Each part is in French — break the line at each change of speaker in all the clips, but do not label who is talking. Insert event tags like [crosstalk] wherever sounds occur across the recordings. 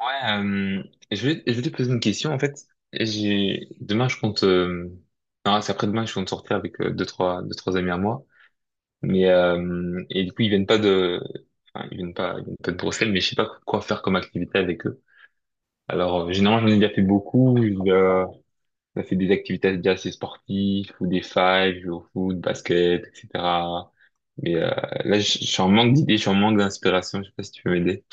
Ouais, euh, je vais te poser une question en fait. Et J'ai demain je compte non c'est après demain je compte sortir avec deux trois amis à moi. Et du coup ils viennent pas de Bruxelles, mais je sais pas quoi faire comme activité avec eux. Alors généralement j'en ai déjà fait beaucoup. J'ai fait des activités déjà assez sportives ou des fives, jouer au foot, basket, etc. Mais euh, là je suis en manque d'idées, je suis en manque d'inspiration. Je sais pas si tu peux m'aider.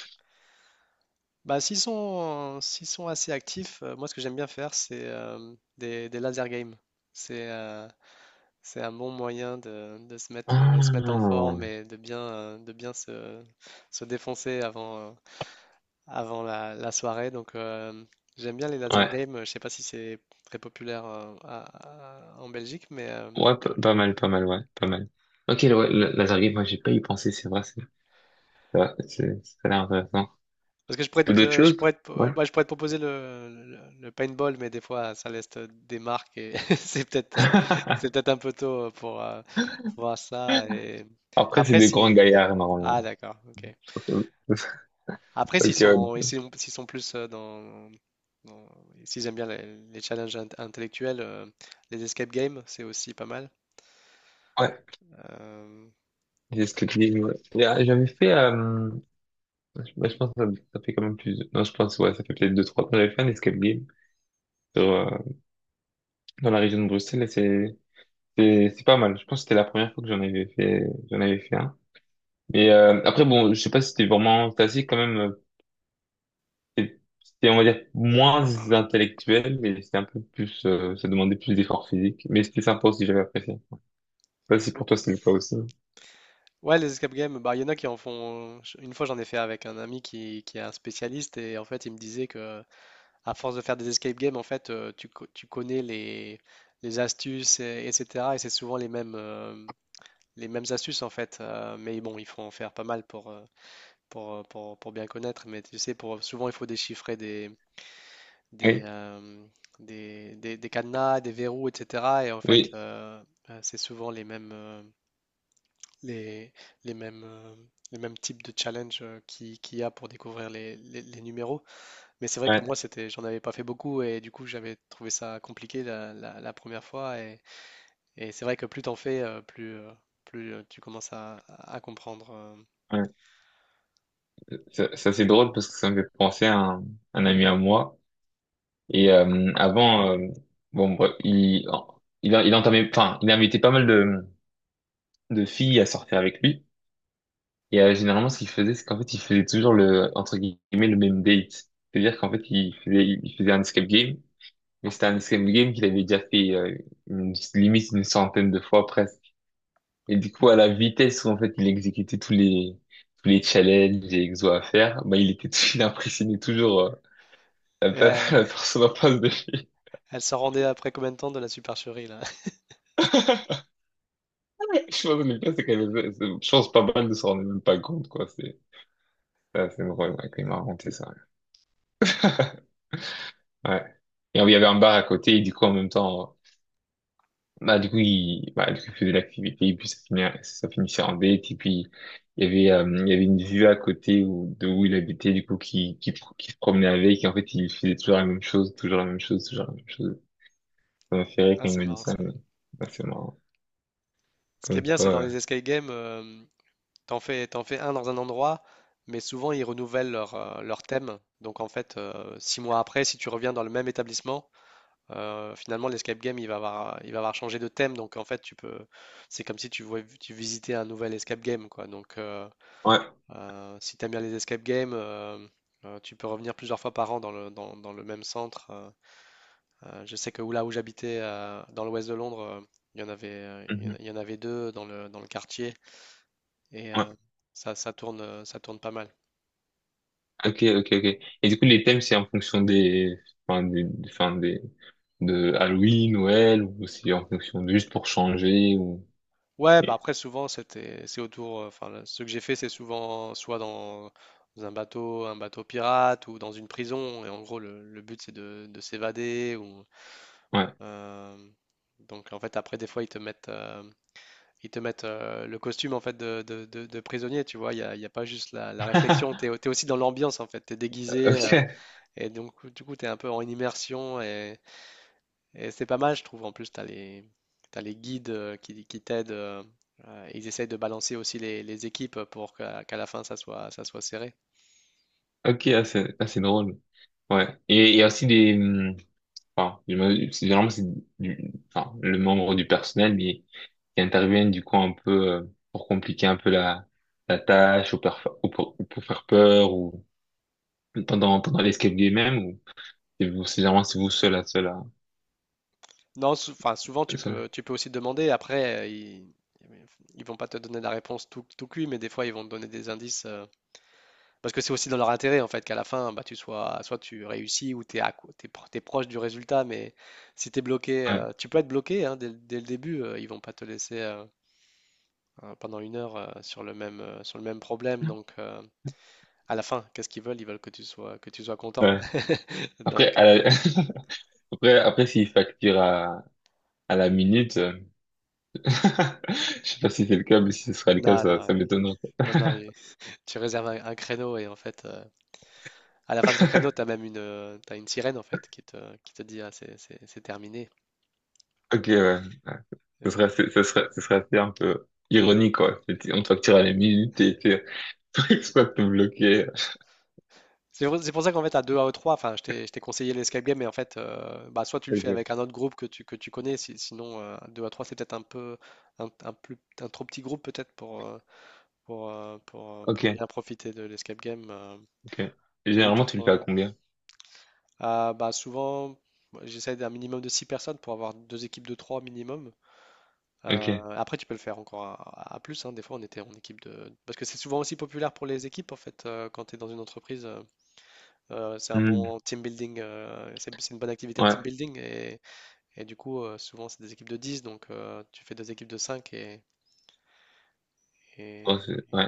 Bah, s'ils sont assez actifs, moi ce que j'aime bien faire, c'est des laser games. C'est euh, c'est un bon moyen de se mettre en
Ah,
forme et de bien se défoncer avant, avant la soirée. J'aime bien les laser
ouais.
games. Je sais pas si c'est très populaire en Belgique, mais euh,
Ouais, pas mal, pas mal, ouais, pas mal. Ok, ouais, laser game, moi j'ai pas y pensé, c'est vrai, c'est vrai, ça a l'air intéressant.
parce que je pourrais
Tout D'autres
te,
choses? Ouais.
ouais, je pourrais te proposer le, le paintball, mais des fois, ça laisse des marques et [laughs] c'est peut-être, [laughs] c'est
[laughs]
peut-être un peu tôt pour voir ça. Et
Après, c'est
après,
des grands
si,
gaillards,
ah
normalement.
d'accord, ok.
Ok,
Après,
[laughs]
s'ils
ok, ouais.
sont, et s'ils sont plus dans, dans- s'ils aiment bien les challenges intellectuels, les escape games, c'est aussi pas mal.
Ouais,
Euh,
c'est ce que tu dis, ouais. Et, J'avais fait, je bah, je pense que ça fait quand même plus, non, je pense, ouais, ça fait peut-être deux, trois ans que j'avais fait un escape game sur, euh, dans la région de Bruxelles, et c'est pas mal. Je pense que c'était la première fois que j'en avais fait un. Après, bon, je sais pas si c'était vraiment classique quand même. C'était, on va dire, moins intellectuel, mais c'était un peu plus, ça demandait plus d'efforts physiques. Mais c'était sympa aussi, j'avais apprécié. Pas si pour
ou-
toi c'était le cas aussi.
Ouais, les escape games, bah, il y en a qui en font. Une fois, j'en ai fait avec un ami qui est un spécialiste et en fait, il me disait que à force de faire des escape games, en fait, tu, tu connais les astuces, etc. Et c'est souvent les mêmes astuces, en fait. Mais bon, il faut en faire pas mal pour bien connaître. Mais tu sais, pour, souvent, il faut déchiffrer des, des,
Oui,
euh, des, des cadenas, des verrous, etc. Et en fait,
oui,
c'est souvent les, les mêmes, euh, les mêmes types de challenges qui, qu'il y a pour découvrir les, les numéros. Mais c'est vrai que
ouais,
moi, c'était, j'en avais pas fait beaucoup et du coup, j'avais trouvé ça compliqué la, la première fois. Et c'est vrai que plus t'en fais, plus, tu commences à comprendre.
ouais. Ça, c'est drôle parce que ça me fait penser à un ami à moi. Et avant, bon, bref, il entamait, enfin, il invitait pas mal de filles à sortir avec lui. Et généralement, ce qu'il faisait, c'est qu'en fait, il faisait toujours le, entre guillemets, le même date. C'est-à-dire qu'en fait, il faisait un escape game. Mais c'était un escape game qu'il avait déjà fait limite une centaine de fois presque. Et du coup, à la vitesse où en fait il exécutait tous les challenges et exos à faire, bah il était [laughs] il impressionnait toujours
Et
[laughs] la personne en face de lui.
elle s'en rendait après combien de temps de la supercherie là? [laughs]
[laughs] Je pense que le pire, c'est je pense pas mal de s'en rendre même pas compte, quoi. C'est assez drôle, ouais, quand il m'a raconté ça. [laughs] Ouais. Et il y avait un bar à côté et du coup en même temps. Bah, du coup, il faisait l'activité, et puis ça finissait en date, et puis il y avait une vue à côté où, de où il habitait, du coup, qui se promenait avec, et en fait, il faisait toujours la même chose, toujours la même chose, toujours la même chose. Ça m'a fait rire
Ah,
quand il
c'est
m'a dit
marrant
ça,
ça.
mais bah, c'est marrant.
Ce qui est
Comme
bien, c'est
quoi,
dans
ouais.
les escape games, t'en fais un dans un endroit, mais souvent ils renouvellent leur, leur thème. Donc en fait, six mois après, si tu reviens dans le même établissement, finalement, l'escape game, il va avoir changé de thème, donc en fait, tu peux, c'est comme si tu, tu visitais un nouvel escape game, quoi. Donc,
Ouais.
si tu aimes bien les escape games, tu peux revenir plusieurs fois par an dans le, dans, dans le même centre. Je sais que là où j'habitais, dans l'ouest de Londres, il y en avait,
Mhm.
il y en avait deux dans le quartier, et
Ouais.
ça, ça tourne pas mal.
Ok, ok, ok. Et du coup, les thèmes, c'est en fonction des, enfin, de Halloween, Noël, ou c'est en fonction de juste pour changer, ou,
Ouais, bah
ouais.
après souvent c'est autour enfin ce que j'ai fait c'est souvent soit dans, dans un bateau pirate ou dans une prison et en gros le but c'est de s'évader ou euh, donc en fait après des fois ils te mettent le costume en fait de, de prisonnier, tu vois, il y a pas juste la, la réflexion, t'es,
[laughs]
t'es aussi dans l'ambiance en fait, t'es déguisé
Ok.
et donc du coup t'es un peu en immersion et c'est pas mal, je trouve. En plus, tu as les, t'as les guides qui t'aident. Ils essayent de balancer aussi les équipes pour qu'à la fin, ça soit serré.
Ok, ah, c'est drôle. Ouais. Et il y a aussi des... Enfin, généralement, c'est du... Enfin, le membre du personnel, mais qui interviennent du coup un peu pour compliquer un peu la, la tâche ou, ou pour faire peur ou pendant, pendant l'escape game même, ou c'est vous, c'est généralement c'est vous seul à seul à
Non, enfin, souvent,
seul.
tu peux aussi demander. Après, ils vont pas te donner la réponse tout, tout cuit, mais des fois, ils vont te donner des indices. Parce que c'est aussi dans leur intérêt, en fait, qu'à la fin, bah, tu sois, soit tu réussis ou tu es, proche du résultat. Mais si tu es bloqué,
Ouais,
tu peux être bloqué hein, dès, dès le début. Ils vont pas te laisser. Pendant une heure sur le même problème. À la fin, qu'est-ce qu'ils veulent? Ils veulent que tu sois content.
ouais.
[laughs]
Après,
Donc, euh,
[laughs] après, après s'il facture à la minute, [laughs] je sais pas si c'est le cas, mais si ce sera le cas,
non, non,
ça
il-
m'étonnerait, quoi.
non, non, il- Tu réserves un créneau et en fait, à la fin de ce créneau, tu
[laughs]
as même une, t'as une sirène en fait qui te dit, ah, c'est terminé.
Ok, ouais. Ouais. Ce
Euh,
serait, ce serait assez un peu ironique, quoi. On te facture à la minute et tu [laughs] exploites te bloquer.
C'est pour ça qu'en fait, à 2 à 3 enfin, je t'ai conseillé l'escape game, mais en fait, bah, soit tu le fais avec
Ok,
un autre groupe que tu connais, sinon, 2 à 3 c'est peut-être un peu, un plus, un trop petit groupe peut-être
ok,
pour bien profiter de l'escape game.
ok. Et
Deux ou
généralement, tu le fais à
trois.
combien?
Ah, bah, souvent, moi, j'essaie d'un minimum de 6 personnes pour avoir deux équipes de 3 minimum.
Ok.
Après, tu peux le faire encore à, plus. Hein. Des fois, on était en équipe de... Parce que c'est souvent aussi populaire pour les équipes, en fait, quand tu es dans une entreprise. C'est un
Hmm.
bon team building. C'est une bonne activité de
Ouais.
team building. Et du coup, souvent, c'est des équipes de dix. Donc, tu fais deux équipes de 5
Oh,
et,
c'est ouais.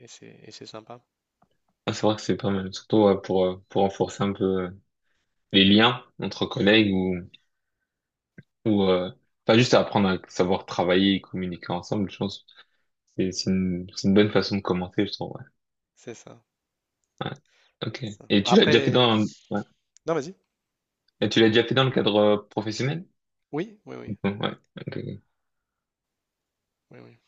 et c'est sympa.
Ah, c'est vrai que c'est pas mal. Surtout ouais, pour renforcer un peu les liens entre collègues ou, ou euh, pas juste apprendre à savoir travailler et communiquer ensemble, je pense. C'est une bonne façon de commencer, je trouve. Ouais.
C'est ça.
Ouais. Ok.
Ça.
Et tu l'as déjà fait
Après...
dans, ouais.
Non, vas-y.
Et tu l'as déjà fait dans le cadre professionnel?
Oui, oui, oui,
Donc, ouais, ok, ok,
oui, oui.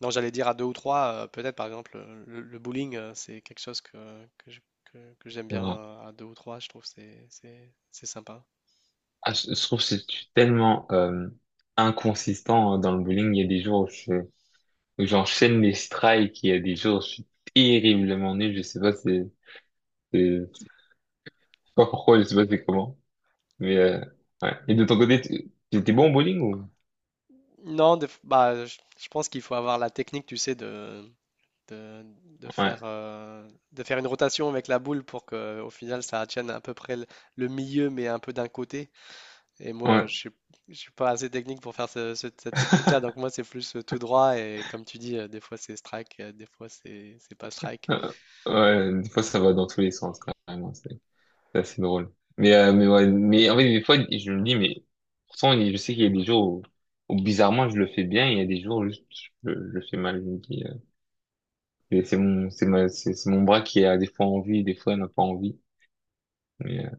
Non, j'allais dire à deux ou trois, peut-être par exemple le bowling, c'est quelque chose que, que j'aime
c'est
bien
vrai.
à deux ou trois, je trouve que c'est sympa.
Ah, je trouve que je suis tellement inconsistant, hein, dans le bowling. Il y a des jours où j'enchaîne les strikes, il y a des jours où je suis terriblement nul. Je sais pas je sais pas pourquoi, je sais pas c'est comment. Mais euh, ouais. Et de ton côté, tu étais bon au bowling, ou?
Non, bah, je pense qu'il faut avoir la technique, tu sais, de,
Ouais,
de faire une rotation avec la boule pour que au final ça tienne à peu près le milieu, mais un peu d'un côté. Et moi,
ouais.
je suis pas assez technique pour faire cette technique-là, donc
[laughs]
moi c'est plus tout droit et comme tu dis, des fois c'est strike, des fois c'est pas strike.
Ouais, des fois ça va dans tous les sens, carrément. C'est assez drôle. Ouais, mais en fait, des fois, je me dis, mais pourtant, je sais qu'il y a des jours où, où, bizarrement, je le fais bien, et il y a des jours où juste, je le fais mal. Je me dis, et c'est c'est mon bras qui a des fois envie, des fois n'a pas envie. Mais, euh,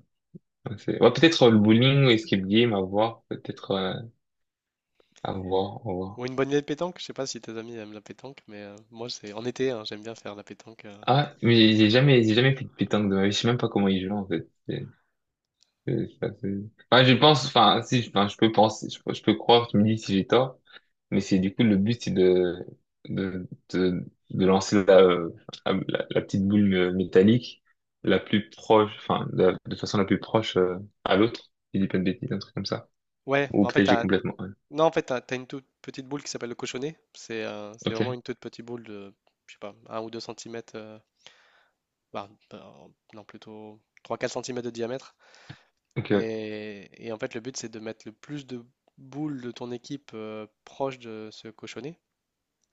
ouais, ouais, peut-être le bowling ou escape game, à voir, peut-être, à voir, à voir.
Ou une bonne vieille pétanque, je sais pas si tes amis aiment la pétanque, mais moi c'est en été, hein, j'aime bien faire la pétanque.
Ah, mais j'ai jamais fait de pétanque de ma vie, je sais même pas comment il joue, en fait. C'est- c'est assez- Enfin, je pense, enfin, si, enfin, je peux croire, tu me dis si j'ai tort. Mais c'est du coup le but, c'est de, de, de lancer la, la petite boule métallique la plus proche, enfin, de façon la plus proche à l'autre. Il dit pas de bêtises, un truc comme ça.
Ouais, mais
Ou peut-être j'ai complètement, ouais.
non en fait t'as, t'as une toute petite boule qui s'appelle le cochonnet. C'est
Ok,
vraiment une toute petite boule de, je sais pas, un ou 2 centimètres, bah, bah, non plutôt trois quatre centimètres de diamètre.
ok,
Et en fait le but c'est de mettre le plus de boules de ton équipe proche de ce cochonnet.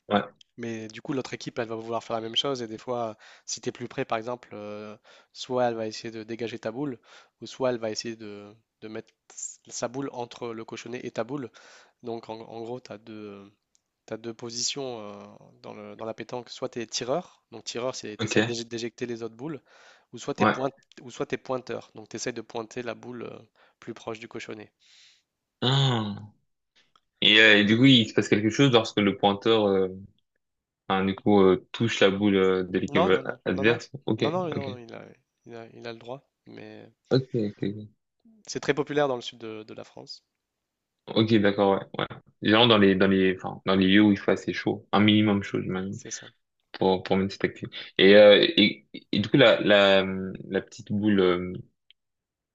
ouais,
Mais du coup, l'autre équipe, elle va vouloir faire la même chose. Et des fois, si tu es plus près, par exemple, soit elle va essayer de dégager ta boule, ou soit elle va essayer de mettre sa boule entre le cochonnet et ta boule. Donc, en gros, tu as deux, t'as deux positions dans dans la pétanque. Soit tu es tireur, donc tireur, c'est tu
ok,
essaies d'éjecter les autres boules, ou soit tu es,
ouais.
ou soit t'es pointeur, donc tu essaies de pointer la boule plus proche du cochonnet.
Ah. Et du coup, il se passe quelque chose lorsque le pointeur, enfin, du coup, touche la boule de l'équipe
Non, non, non, non, non,
adverse. Ok,
non, non,
ok,
non, il a le droit, mais.
ok, ok, ok,
C'est très populaire dans le sud de la France,
ok, d'accord, ouais, ouais. Genre dans les dans les, enfin dans les lieux où il fait assez chaud, un minimum chaud, j'imagine.
c'est ça.
Pour une petite activité. Et, et du coup, la petite boule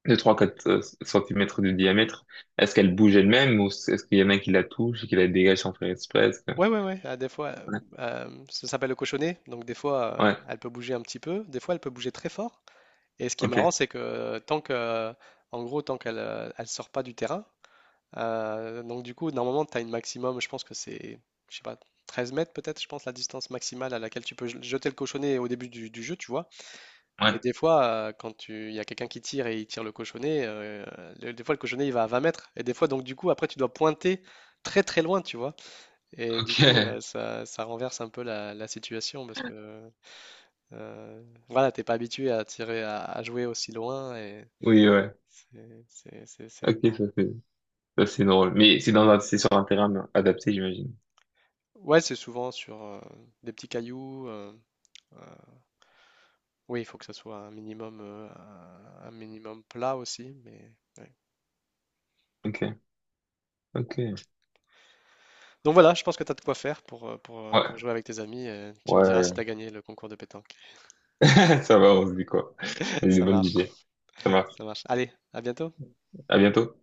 de trois quatre centimètres de diamètre, est-ce qu'elle bouge elle-même ou est-ce qu'il y en a qui la touche et qui la dégage sans faire exprès? Est-ce que-
Ouais, ouais, ouais. Ah, des fois,
Ouais,
ça s'appelle le cochonnet. Donc, des fois,
ouais.
elle peut bouger un petit peu. Des fois, elle peut bouger très fort. Et ce qui est marrant,
Ok.
c'est que tant que, en gros, tant qu'elle elle sort pas du terrain, donc du coup, normalement, tu as une maximum, je pense que c'est, je sais pas, 13 mètres peut-être, je pense, la distance maximale à laquelle tu peux jeter le cochonnet au début du jeu, tu vois. Mais
Ouais,
des fois, quand tu... il y a quelqu'un qui tire et il tire le cochonnet, des fois le cochonnet il va à 20 mètres. Et des fois, donc du coup, après tu dois pointer très très loin, tu vois. Et
ok.
du coup,
[laughs]
ça, ça renverse un peu la, la situation parce que euh, voilà, t'es pas habitué à tirer, à jouer aussi loin. Et
Oui, ouais.
c'est
Ok,
marrant.
ça c'est drôle. Mais c'est dans un, c'est sur un terrain adapté, j'imagine.
Ouais, c'est souvent sur des petits cailloux. Euh, oui, il faut que ça soit un minimum plat aussi, mais. Ouais.
Ok, ok.
Donc voilà, je pense que tu as de quoi faire
Ouais,
pour jouer avec tes amis. Tu me diras si tu
ouais.
as gagné le concours de pétanque.
[laughs] Ça va, on se dit quoi?
[laughs]
J'ai des
Ça
bonnes
marche,
idées. Ça marche.
ça marche. Allez, à bientôt.
À bientôt.